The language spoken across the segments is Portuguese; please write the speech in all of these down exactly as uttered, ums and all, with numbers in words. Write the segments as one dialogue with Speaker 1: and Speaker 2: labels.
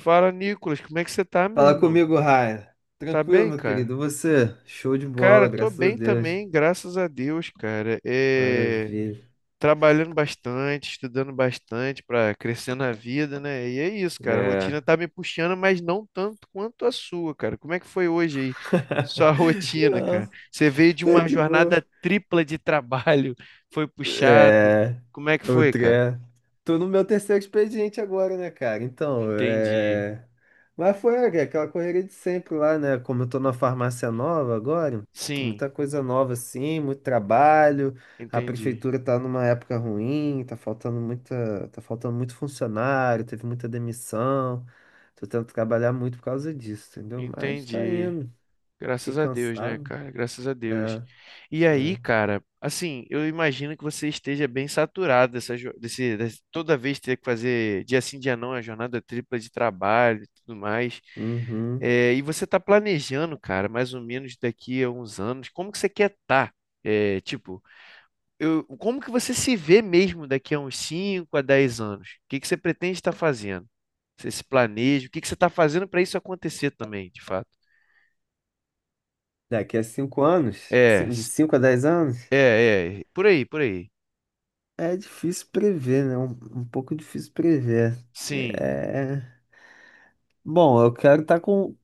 Speaker 1: Fala, Nicolas, como é que você tá, meu
Speaker 2: Fala
Speaker 1: irmão?
Speaker 2: comigo, Raia.
Speaker 1: Tá
Speaker 2: Tranquilo,
Speaker 1: bem,
Speaker 2: meu
Speaker 1: cara?
Speaker 2: querido. Você? Show de
Speaker 1: Cara,
Speaker 2: bola,
Speaker 1: tô
Speaker 2: graças a
Speaker 1: bem
Speaker 2: Deus.
Speaker 1: também, graças a Deus, cara. É...
Speaker 2: Maravilha.
Speaker 1: Trabalhando bastante, estudando bastante para crescer na vida, né? E é isso, cara. A
Speaker 2: É.
Speaker 1: rotina tá me puxando, mas não tanto quanto a sua, cara. Como é que foi hoje aí? Sua rotina,
Speaker 2: Não,
Speaker 1: cara. Você veio de
Speaker 2: tá
Speaker 1: uma
Speaker 2: de boa.
Speaker 1: jornada tripla de trabalho, foi puxado.
Speaker 2: É,
Speaker 1: Como é que foi,
Speaker 2: outro
Speaker 1: cara?
Speaker 2: é. Tô no meu terceiro expediente agora, né, cara? Então,
Speaker 1: Entendi.
Speaker 2: é. Mas foi é, aquela correria de sempre lá, né? Como eu tô na farmácia nova agora,
Speaker 1: Sim,
Speaker 2: muita coisa nova assim, muito trabalho. A
Speaker 1: entendi.
Speaker 2: prefeitura tá numa época ruim, tá faltando muita, tá faltando muito funcionário, teve muita demissão. Tô tentando trabalhar muito por causa disso, entendeu? Mas tá
Speaker 1: Entendi.
Speaker 2: indo. Fiquei
Speaker 1: Graças a Deus, né,
Speaker 2: cansado.
Speaker 1: cara? Graças a Deus.
Speaker 2: É,
Speaker 1: E aí,
Speaker 2: é.
Speaker 1: cara, assim, eu imagino que você esteja bem saturado dessa, jo- desse, desse- toda vez ter que fazer dia sim, dia não, a jornada tripla de trabalho e tudo mais.
Speaker 2: Uhum.
Speaker 1: É, e você está planejando, cara, mais ou menos daqui a uns anos, como que você quer estar? É, tipo, eu, como que você se vê mesmo daqui a uns cinco a dez anos? O que que você pretende estar fazendo? Você se planeja? O que que você está fazendo para isso acontecer também, de fato?
Speaker 2: Daqui a cinco anos,
Speaker 1: É.
Speaker 2: assim, de cinco a dez anos,
Speaker 1: É, é, por aí, por aí.
Speaker 2: é difícil prever, né? Um, um pouco difícil prever.
Speaker 1: Sim,
Speaker 2: É... Bom, eu quero estar com.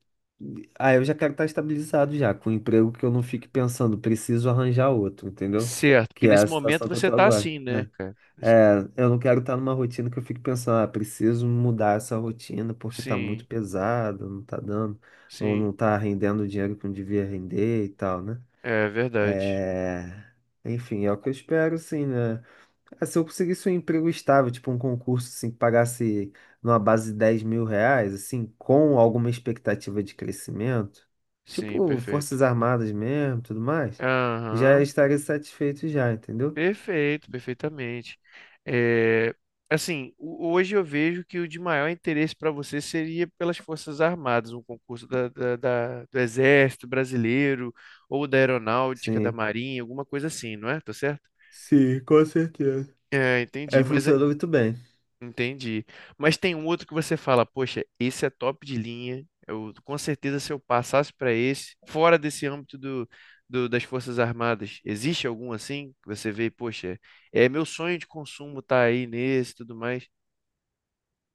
Speaker 2: Ah, eu já quero estar estabilizado já, com um emprego que eu não fique pensando, preciso arranjar outro, entendeu?
Speaker 1: certo. Porque
Speaker 2: Que é a
Speaker 1: nesse momento
Speaker 2: situação que eu
Speaker 1: você
Speaker 2: tô
Speaker 1: tá
Speaker 2: agora,
Speaker 1: assim, né,
Speaker 2: né?
Speaker 1: cara?
Speaker 2: É, eu não quero estar numa rotina que eu fique pensando, ah, preciso mudar essa rotina porque tá muito
Speaker 1: Sim,
Speaker 2: pesada, não tá dando, ou
Speaker 1: sim.
Speaker 2: não tá rendendo o dinheiro que eu devia render e tal, né?
Speaker 1: É verdade.
Speaker 2: É, Enfim, é o que eu espero, sim, né? Ah, se eu conseguisse um emprego estável, tipo um concurso, assim, que pagasse numa base de dez mil reais, assim, com alguma expectativa de crescimento,
Speaker 1: Sim,
Speaker 2: tipo
Speaker 1: perfeito.
Speaker 2: Forças Armadas mesmo, tudo mais, já
Speaker 1: Aham,
Speaker 2: estaria satisfeito já, entendeu?
Speaker 1: perfeito, perfeitamente. É, assim, o- hoje eu vejo que o de maior interesse para você seria pelas Forças Armadas, um concurso da, da- da- do Exército Brasileiro ou da Aeronáutica, da
Speaker 2: Sim.
Speaker 1: Marinha, alguma coisa assim, não é? Tá certo?
Speaker 2: Sim, com certeza.
Speaker 1: É, entendi.
Speaker 2: É,
Speaker 1: Mas
Speaker 2: funcionou muito bem.
Speaker 1: Entendi. Mas tem um outro que você fala, poxa, esse é top de linha. Eu, com certeza, se eu passasse para esse, fora desse âmbito do, do- das Forças Armadas, existe algum assim que você vê, poxa, é meu sonho de consumo tá aí nesse, e tudo mais?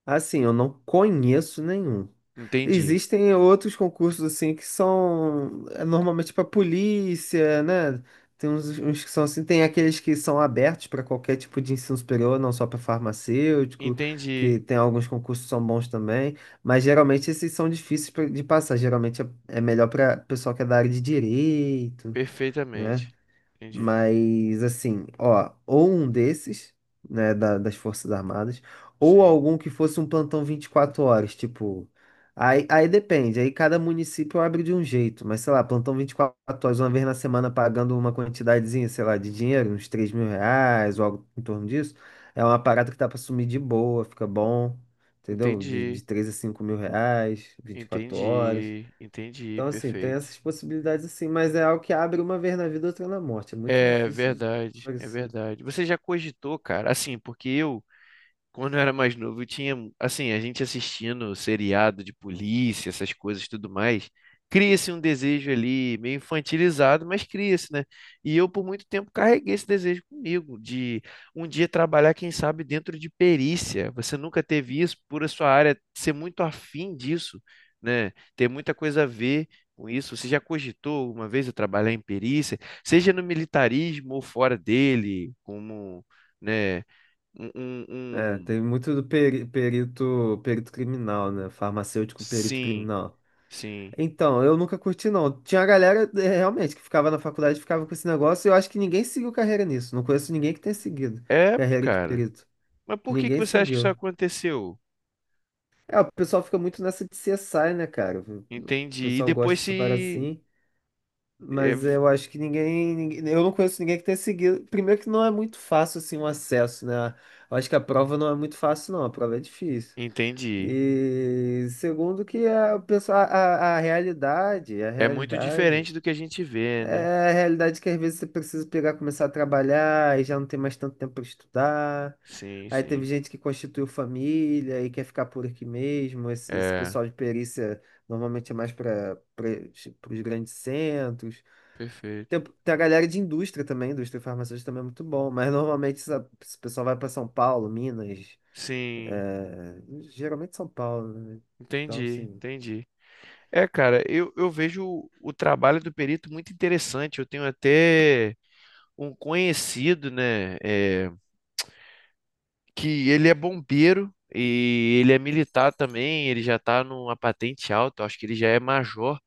Speaker 2: Assim, eu não conheço nenhum.
Speaker 1: Entendi.
Speaker 2: Existem outros concursos assim que são é, normalmente para polícia, né? Tem uns, uns que são assim, tem aqueles que são abertos para qualquer tipo de ensino superior, não só para farmacêutico, que
Speaker 1: Entendi
Speaker 2: tem alguns concursos que são bons também, mas geralmente esses são difíceis pra- de passar. Geralmente é, é melhor para pessoal que é da área de direito, né?
Speaker 1: perfeitamente. Entendi.
Speaker 2: Mas assim, ó, ou um desses, né, da- das Forças Armadas, ou
Speaker 1: Sim.
Speaker 2: algum que fosse um plantão vinte e quatro horas, tipo. Aí, aí depende, aí cada município abre de um jeito, mas sei lá, plantão vinte e quatro horas, uma vez na semana pagando uma quantidadezinha, sei lá, de dinheiro, uns três mil reais ou algo em torno disso, é uma parada que dá pra sumir de boa, fica bom, entendeu? De,
Speaker 1: Entendi.
Speaker 2: de três a cinco mil reais, vinte e quatro horas.
Speaker 1: Entendi. Entendi.
Speaker 2: Então, assim, tem
Speaker 1: Perfeito.
Speaker 2: essas possibilidades, assim, mas é algo que abre uma vez na vida, outra na morte. É muito
Speaker 1: É
Speaker 2: difícil de.
Speaker 1: verdade, é verdade. Você já cogitou, cara? Assim, porque eu quando eu era mais novo, eu tinha, assim, a gente assistindo seriado de polícia, essas coisas e tudo mais, cria-se um desejo ali meio infantilizado, mas cria-se, né? E eu, por muito tempo, carreguei esse desejo comigo, de um dia trabalhar, quem sabe, dentro de perícia. Você nunca teve isso, por a sua área ser muito afim disso, né? Ter muita coisa a ver com isso. Você já cogitou uma vez a trabalhar em perícia, seja no militarismo ou fora dele, como, né? um, um-
Speaker 2: É,
Speaker 1: um
Speaker 2: tem muito do peri- perito, perito criminal, né? Farmacêutico perito
Speaker 1: Sim,
Speaker 2: criminal.
Speaker 1: sim.
Speaker 2: Então, eu nunca curti, não. Tinha a galera, é, realmente, que ficava na faculdade, ficava com esse negócio, e eu acho que ninguém seguiu carreira nisso. Não conheço ninguém que tenha seguido
Speaker 1: É,
Speaker 2: carreira de
Speaker 1: cara.
Speaker 2: perito.
Speaker 1: Mas por que que
Speaker 2: Ninguém
Speaker 1: você acha que isso
Speaker 2: seguiu.
Speaker 1: aconteceu?
Speaker 2: É, o pessoal fica muito nessa de cê esse i, né, cara? O
Speaker 1: Entendi. E
Speaker 2: pessoal gosta
Speaker 1: depois
Speaker 2: dessa parada
Speaker 1: se.
Speaker 2: assim.
Speaker 1: é,
Speaker 2: Mas
Speaker 1: v-
Speaker 2: eu acho que ninguém, ninguém- eu não conheço ninguém que tenha seguido. Primeiro que não é muito fácil assim o acesso, né? Eu acho que a prova não é muito fácil, não. A prova é difícil.
Speaker 1: Entendi.
Speaker 2: E segundo que a, pessoa, a, a a realidade, a
Speaker 1: É muito
Speaker 2: realidade.
Speaker 1: diferente do que a gente vê, né?
Speaker 2: É a realidade que às vezes você precisa pegar, começar a trabalhar e já não tem mais tanto tempo para estudar.
Speaker 1: Sim,
Speaker 2: Aí teve
Speaker 1: sim.
Speaker 2: gente que constituiu família e quer ficar por aqui mesmo. Esse, esse
Speaker 1: É,
Speaker 2: pessoal de perícia normalmente é mais para os grandes centros. Tem,
Speaker 1: perfeito.
Speaker 2: tem a galera de indústria também, indústria farmacêutica também é muito bom, mas normalmente essa- esse pessoal vai para São Paulo, Minas,
Speaker 1: Sim,
Speaker 2: é, geralmente São Paulo, né? Então,
Speaker 1: entendi,
Speaker 2: assim,
Speaker 1: entendi. É, cara, eu, eu vejo o trabalho do perito muito interessante. Eu tenho até um conhecido, né? é, que ele é bombeiro e ele é militar também, ele já tá numa patente alta, eu acho que ele já é major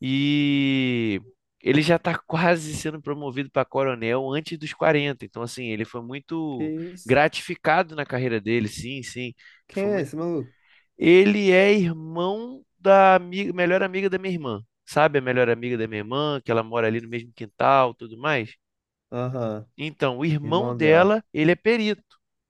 Speaker 1: e ele já tá quase sendo promovido para coronel antes dos quarenta. Então, assim, ele foi
Speaker 2: que
Speaker 1: muito
Speaker 2: isso?
Speaker 1: gratificado na carreira dele, sim, sim.
Speaker 2: Quem
Speaker 1: Foi
Speaker 2: é
Speaker 1: muito...
Speaker 2: esse maluco?
Speaker 1: Ele é irmão da ami- melhor amiga da minha irmã. Sabe a melhor amiga da minha irmã, que ela mora ali no mesmo quintal, tudo mais?
Speaker 2: Aham,
Speaker 1: Então, o irmão
Speaker 2: irmão dela.
Speaker 1: dela, ele é perito.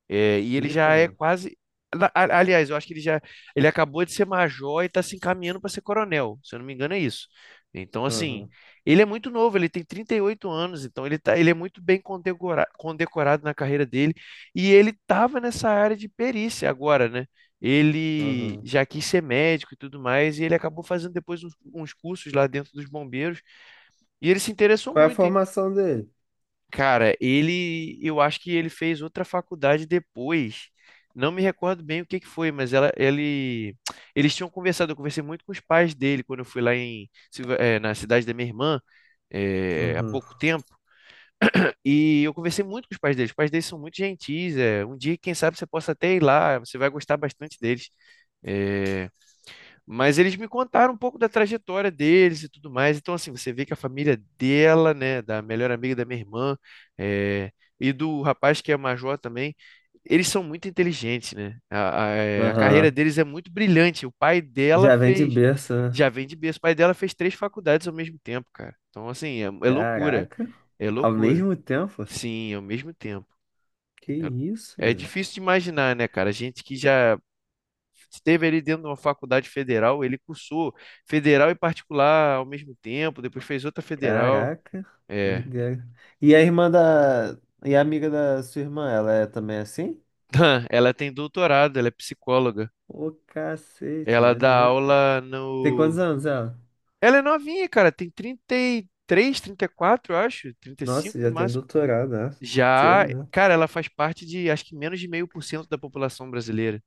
Speaker 1: É, e ele
Speaker 2: Pica,
Speaker 1: já é
Speaker 2: mano.
Speaker 1: quase. na- a- Aliás, eu acho que ele já. Ele acabou de ser major e está se encaminhando para ser coronel. Se eu não me engano, é isso. Então, assim,
Speaker 2: Aham,
Speaker 1: ele é muito novo, ele tem trinta e oito anos, então ele tá, ele é muito bem condecora- condecorado na carreira dele. E ele estava nessa área de perícia agora, né? Ele
Speaker 2: aham.
Speaker 1: já quis ser médico e tudo mais, e ele acabou fazendo depois uns, uns cursos lá dentro dos bombeiros. E ele se interessou
Speaker 2: Qual é a
Speaker 1: muito.
Speaker 2: formação dele?
Speaker 1: Cara, ele, eu acho que ele fez outra faculdade depois. Não me recordo bem o que que foi, mas ela, ele, eles tinham conversado. Eu conversei muito com os pais dele quando eu fui lá em, Silva- eh, na cidade da minha irmã, eh, há
Speaker 2: Aham,
Speaker 1: pouco tempo. E eu conversei muito com os pais deles. Os pais deles são muito gentis. é Um dia, quem sabe, você possa até ir lá. Você vai gostar bastante deles. Eh, mas eles me contaram um pouco da trajetória deles e tudo mais. Então, assim, você vê que a família dela, né, da melhor amiga da minha irmã, eh, e do rapaz que é major também, eles são muito inteligentes, né? A, a, eh, a carreira
Speaker 2: aham.
Speaker 1: deles é muito brilhante. O pai dela
Speaker 2: Já vem de
Speaker 1: fez,
Speaker 2: berço, né?
Speaker 1: já vem de berço, o pai dela fez três faculdades ao mesmo tempo, cara. Então, assim, é, é loucura,
Speaker 2: Caraca,
Speaker 1: é
Speaker 2: ao
Speaker 1: loucura.
Speaker 2: mesmo tempo?
Speaker 1: Sim, ao mesmo tempo.
Speaker 2: Que isso?
Speaker 1: É, é difícil de imaginar, né, cara? A gente que já esteve ali dentro de uma faculdade federal, ele cursou federal e particular ao mesmo tempo, depois fez outra federal.
Speaker 2: Caraca,
Speaker 1: É.
Speaker 2: doideira. E a irmã da. E a amiga da sua irmã, ela é também assim?
Speaker 1: Ela tem doutorado, ela é psicóloga.
Speaker 2: Ô, cacete,
Speaker 1: Ela dá
Speaker 2: maneiro.
Speaker 1: aula
Speaker 2: Tem quantos
Speaker 1: no.
Speaker 2: anos ela?
Speaker 1: Ela é novinha, cara, tem trinta e três, trinta e quatro, eu acho,
Speaker 2: Nossa,
Speaker 1: trinta e cinco no
Speaker 2: já tem
Speaker 1: máximo.
Speaker 2: doutorado, né? Cedo,
Speaker 1: Já,
Speaker 2: né?
Speaker 1: cara, ela faz parte de acho que menos de meio por cento da população brasileira.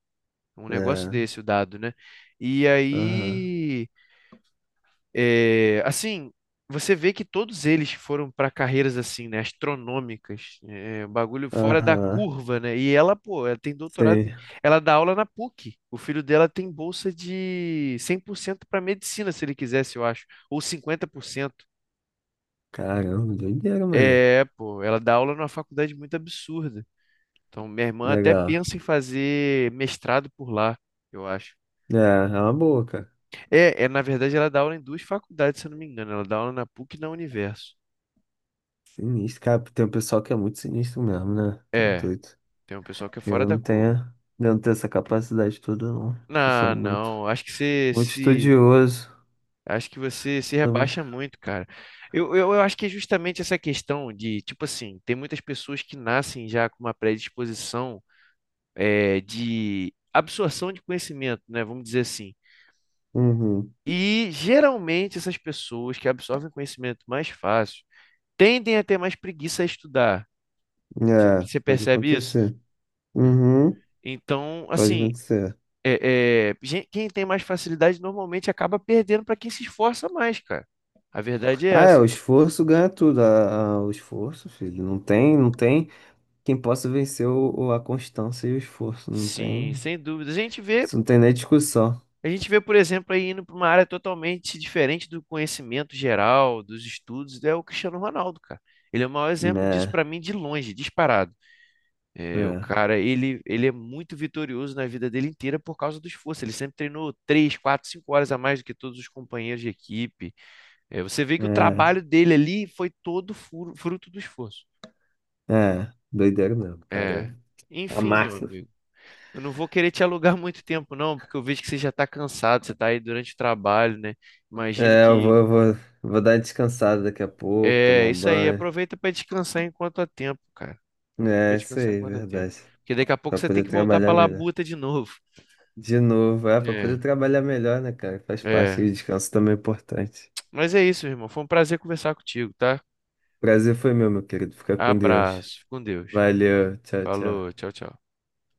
Speaker 1: Um negócio
Speaker 2: É,
Speaker 1: desse, o dado, né? E
Speaker 2: aham,
Speaker 1: aí. É, assim, você vê que todos eles foram para carreiras assim, né, astronômicas, é, bagulho fora da
Speaker 2: aham.
Speaker 1: curva, né? E ela, pô, ela tem doutorado,
Speaker 2: Sei.
Speaker 1: ela dá aula na PUC. O filho dela tem bolsa de cem por cento para medicina, se ele quisesse, eu acho, ou cinquenta por cento.
Speaker 2: Caramba, doideira, mano.
Speaker 1: É, pô, ela dá aula numa faculdade muito absurda. Então, minha irmã até
Speaker 2: Legal.
Speaker 1: pensa em fazer mestrado por lá, eu acho.
Speaker 2: É, é uma boa, cara.
Speaker 1: É, é, na verdade, ela dá aula em duas faculdades, se eu não me engano. Ela dá aula na PUC e na Universo.
Speaker 2: Sinistro, cara. Tem um pessoal que é muito sinistro mesmo, né? Tá
Speaker 1: É,
Speaker 2: doido.
Speaker 1: tem um pessoal que é fora
Speaker 2: Eu
Speaker 1: da
Speaker 2: não tenho,
Speaker 1: curva.
Speaker 2: eu não tenho essa capacidade toda, não. Pessoal
Speaker 1: Não,
Speaker 2: muito,
Speaker 1: não. Acho que você
Speaker 2: muito
Speaker 1: se.
Speaker 2: estudioso.
Speaker 1: Acho que você se rebaixa muito, cara. Eu, eu, eu acho que é justamente essa questão de, tipo assim, tem muitas pessoas que nascem já com uma predisposição é, de absorção de conhecimento, né? Vamos dizer assim.
Speaker 2: Uhum.
Speaker 1: E geralmente essas pessoas que absorvem conhecimento mais fácil tendem a ter mais preguiça a estudar.
Speaker 2: É,
Speaker 1: Você
Speaker 2: pode
Speaker 1: percebe isso?
Speaker 2: acontecer.
Speaker 1: É.
Speaker 2: Uhum.
Speaker 1: Então,
Speaker 2: Pode
Speaker 1: assim,
Speaker 2: acontecer.
Speaker 1: é, é, gen- quem tem mais facilidade normalmente acaba perdendo para quem se esforça mais, cara. A verdade é
Speaker 2: Ah, é,
Speaker 1: essa.
Speaker 2: o esforço ganha tudo. Ah, ah, o esforço, filho. Não tem, não tem quem possa vencer o, o- a constância e o esforço. Não
Speaker 1: Sim,
Speaker 2: tem.
Speaker 1: sem dúvida. A gente vê,
Speaker 2: Isso não tem nem discussão.
Speaker 1: a gente vê, por exemplo, aí indo para uma área totalmente diferente do conhecimento geral, dos estudos, é o Cristiano Ronaldo, cara. Ele é o maior exemplo disso
Speaker 2: Né?
Speaker 1: para mim de longe, disparado. É, o
Speaker 2: É,
Speaker 1: cara, ele, ele é muito vitorioso na vida dele inteira por causa do esforço. Ele sempre treinou três, quatro, cinco horas a mais do que todos os companheiros de equipe. É, você vê que o
Speaker 2: é,
Speaker 1: trabalho dele ali foi todo furo- fruto do esforço.
Speaker 2: é. Doideira mesmo,
Speaker 1: É.
Speaker 2: cara. A
Speaker 1: Enfim, meu
Speaker 2: máquina.
Speaker 1: amigo. Eu não vou querer te alugar muito tempo, não, porque eu vejo que você já está cansado, você está aí durante o trabalho, né? Imagino
Speaker 2: É, eu vou,
Speaker 1: que.
Speaker 2: eu vou, vou dar uma descansada daqui a pouco, tomar
Speaker 1: É,
Speaker 2: um
Speaker 1: isso aí.
Speaker 2: banho.
Speaker 1: Aproveita para descansar enquanto há tempo, cara. Aproveita para
Speaker 2: É, isso
Speaker 1: descansar
Speaker 2: aí,
Speaker 1: enquanto há tempo.
Speaker 2: verdade.
Speaker 1: Porque daqui a pouco
Speaker 2: Pra
Speaker 1: você tem
Speaker 2: poder
Speaker 1: que voltar para
Speaker 2: trabalhar melhor.
Speaker 1: labuta de novo.
Speaker 2: De novo, é, pra poder
Speaker 1: É,
Speaker 2: trabalhar melhor, né, cara? Faz parte, o
Speaker 1: é.
Speaker 2: descanso também é importante.
Speaker 1: Mas é isso, irmão. Foi um prazer conversar contigo, tá?
Speaker 2: Prazer foi meu, meu querido. Fica com Deus.
Speaker 1: Abraço. Fica Com Deus.
Speaker 2: Valeu, tchau,
Speaker 1: Falou.
Speaker 2: tchau.
Speaker 1: Tchau, tchau.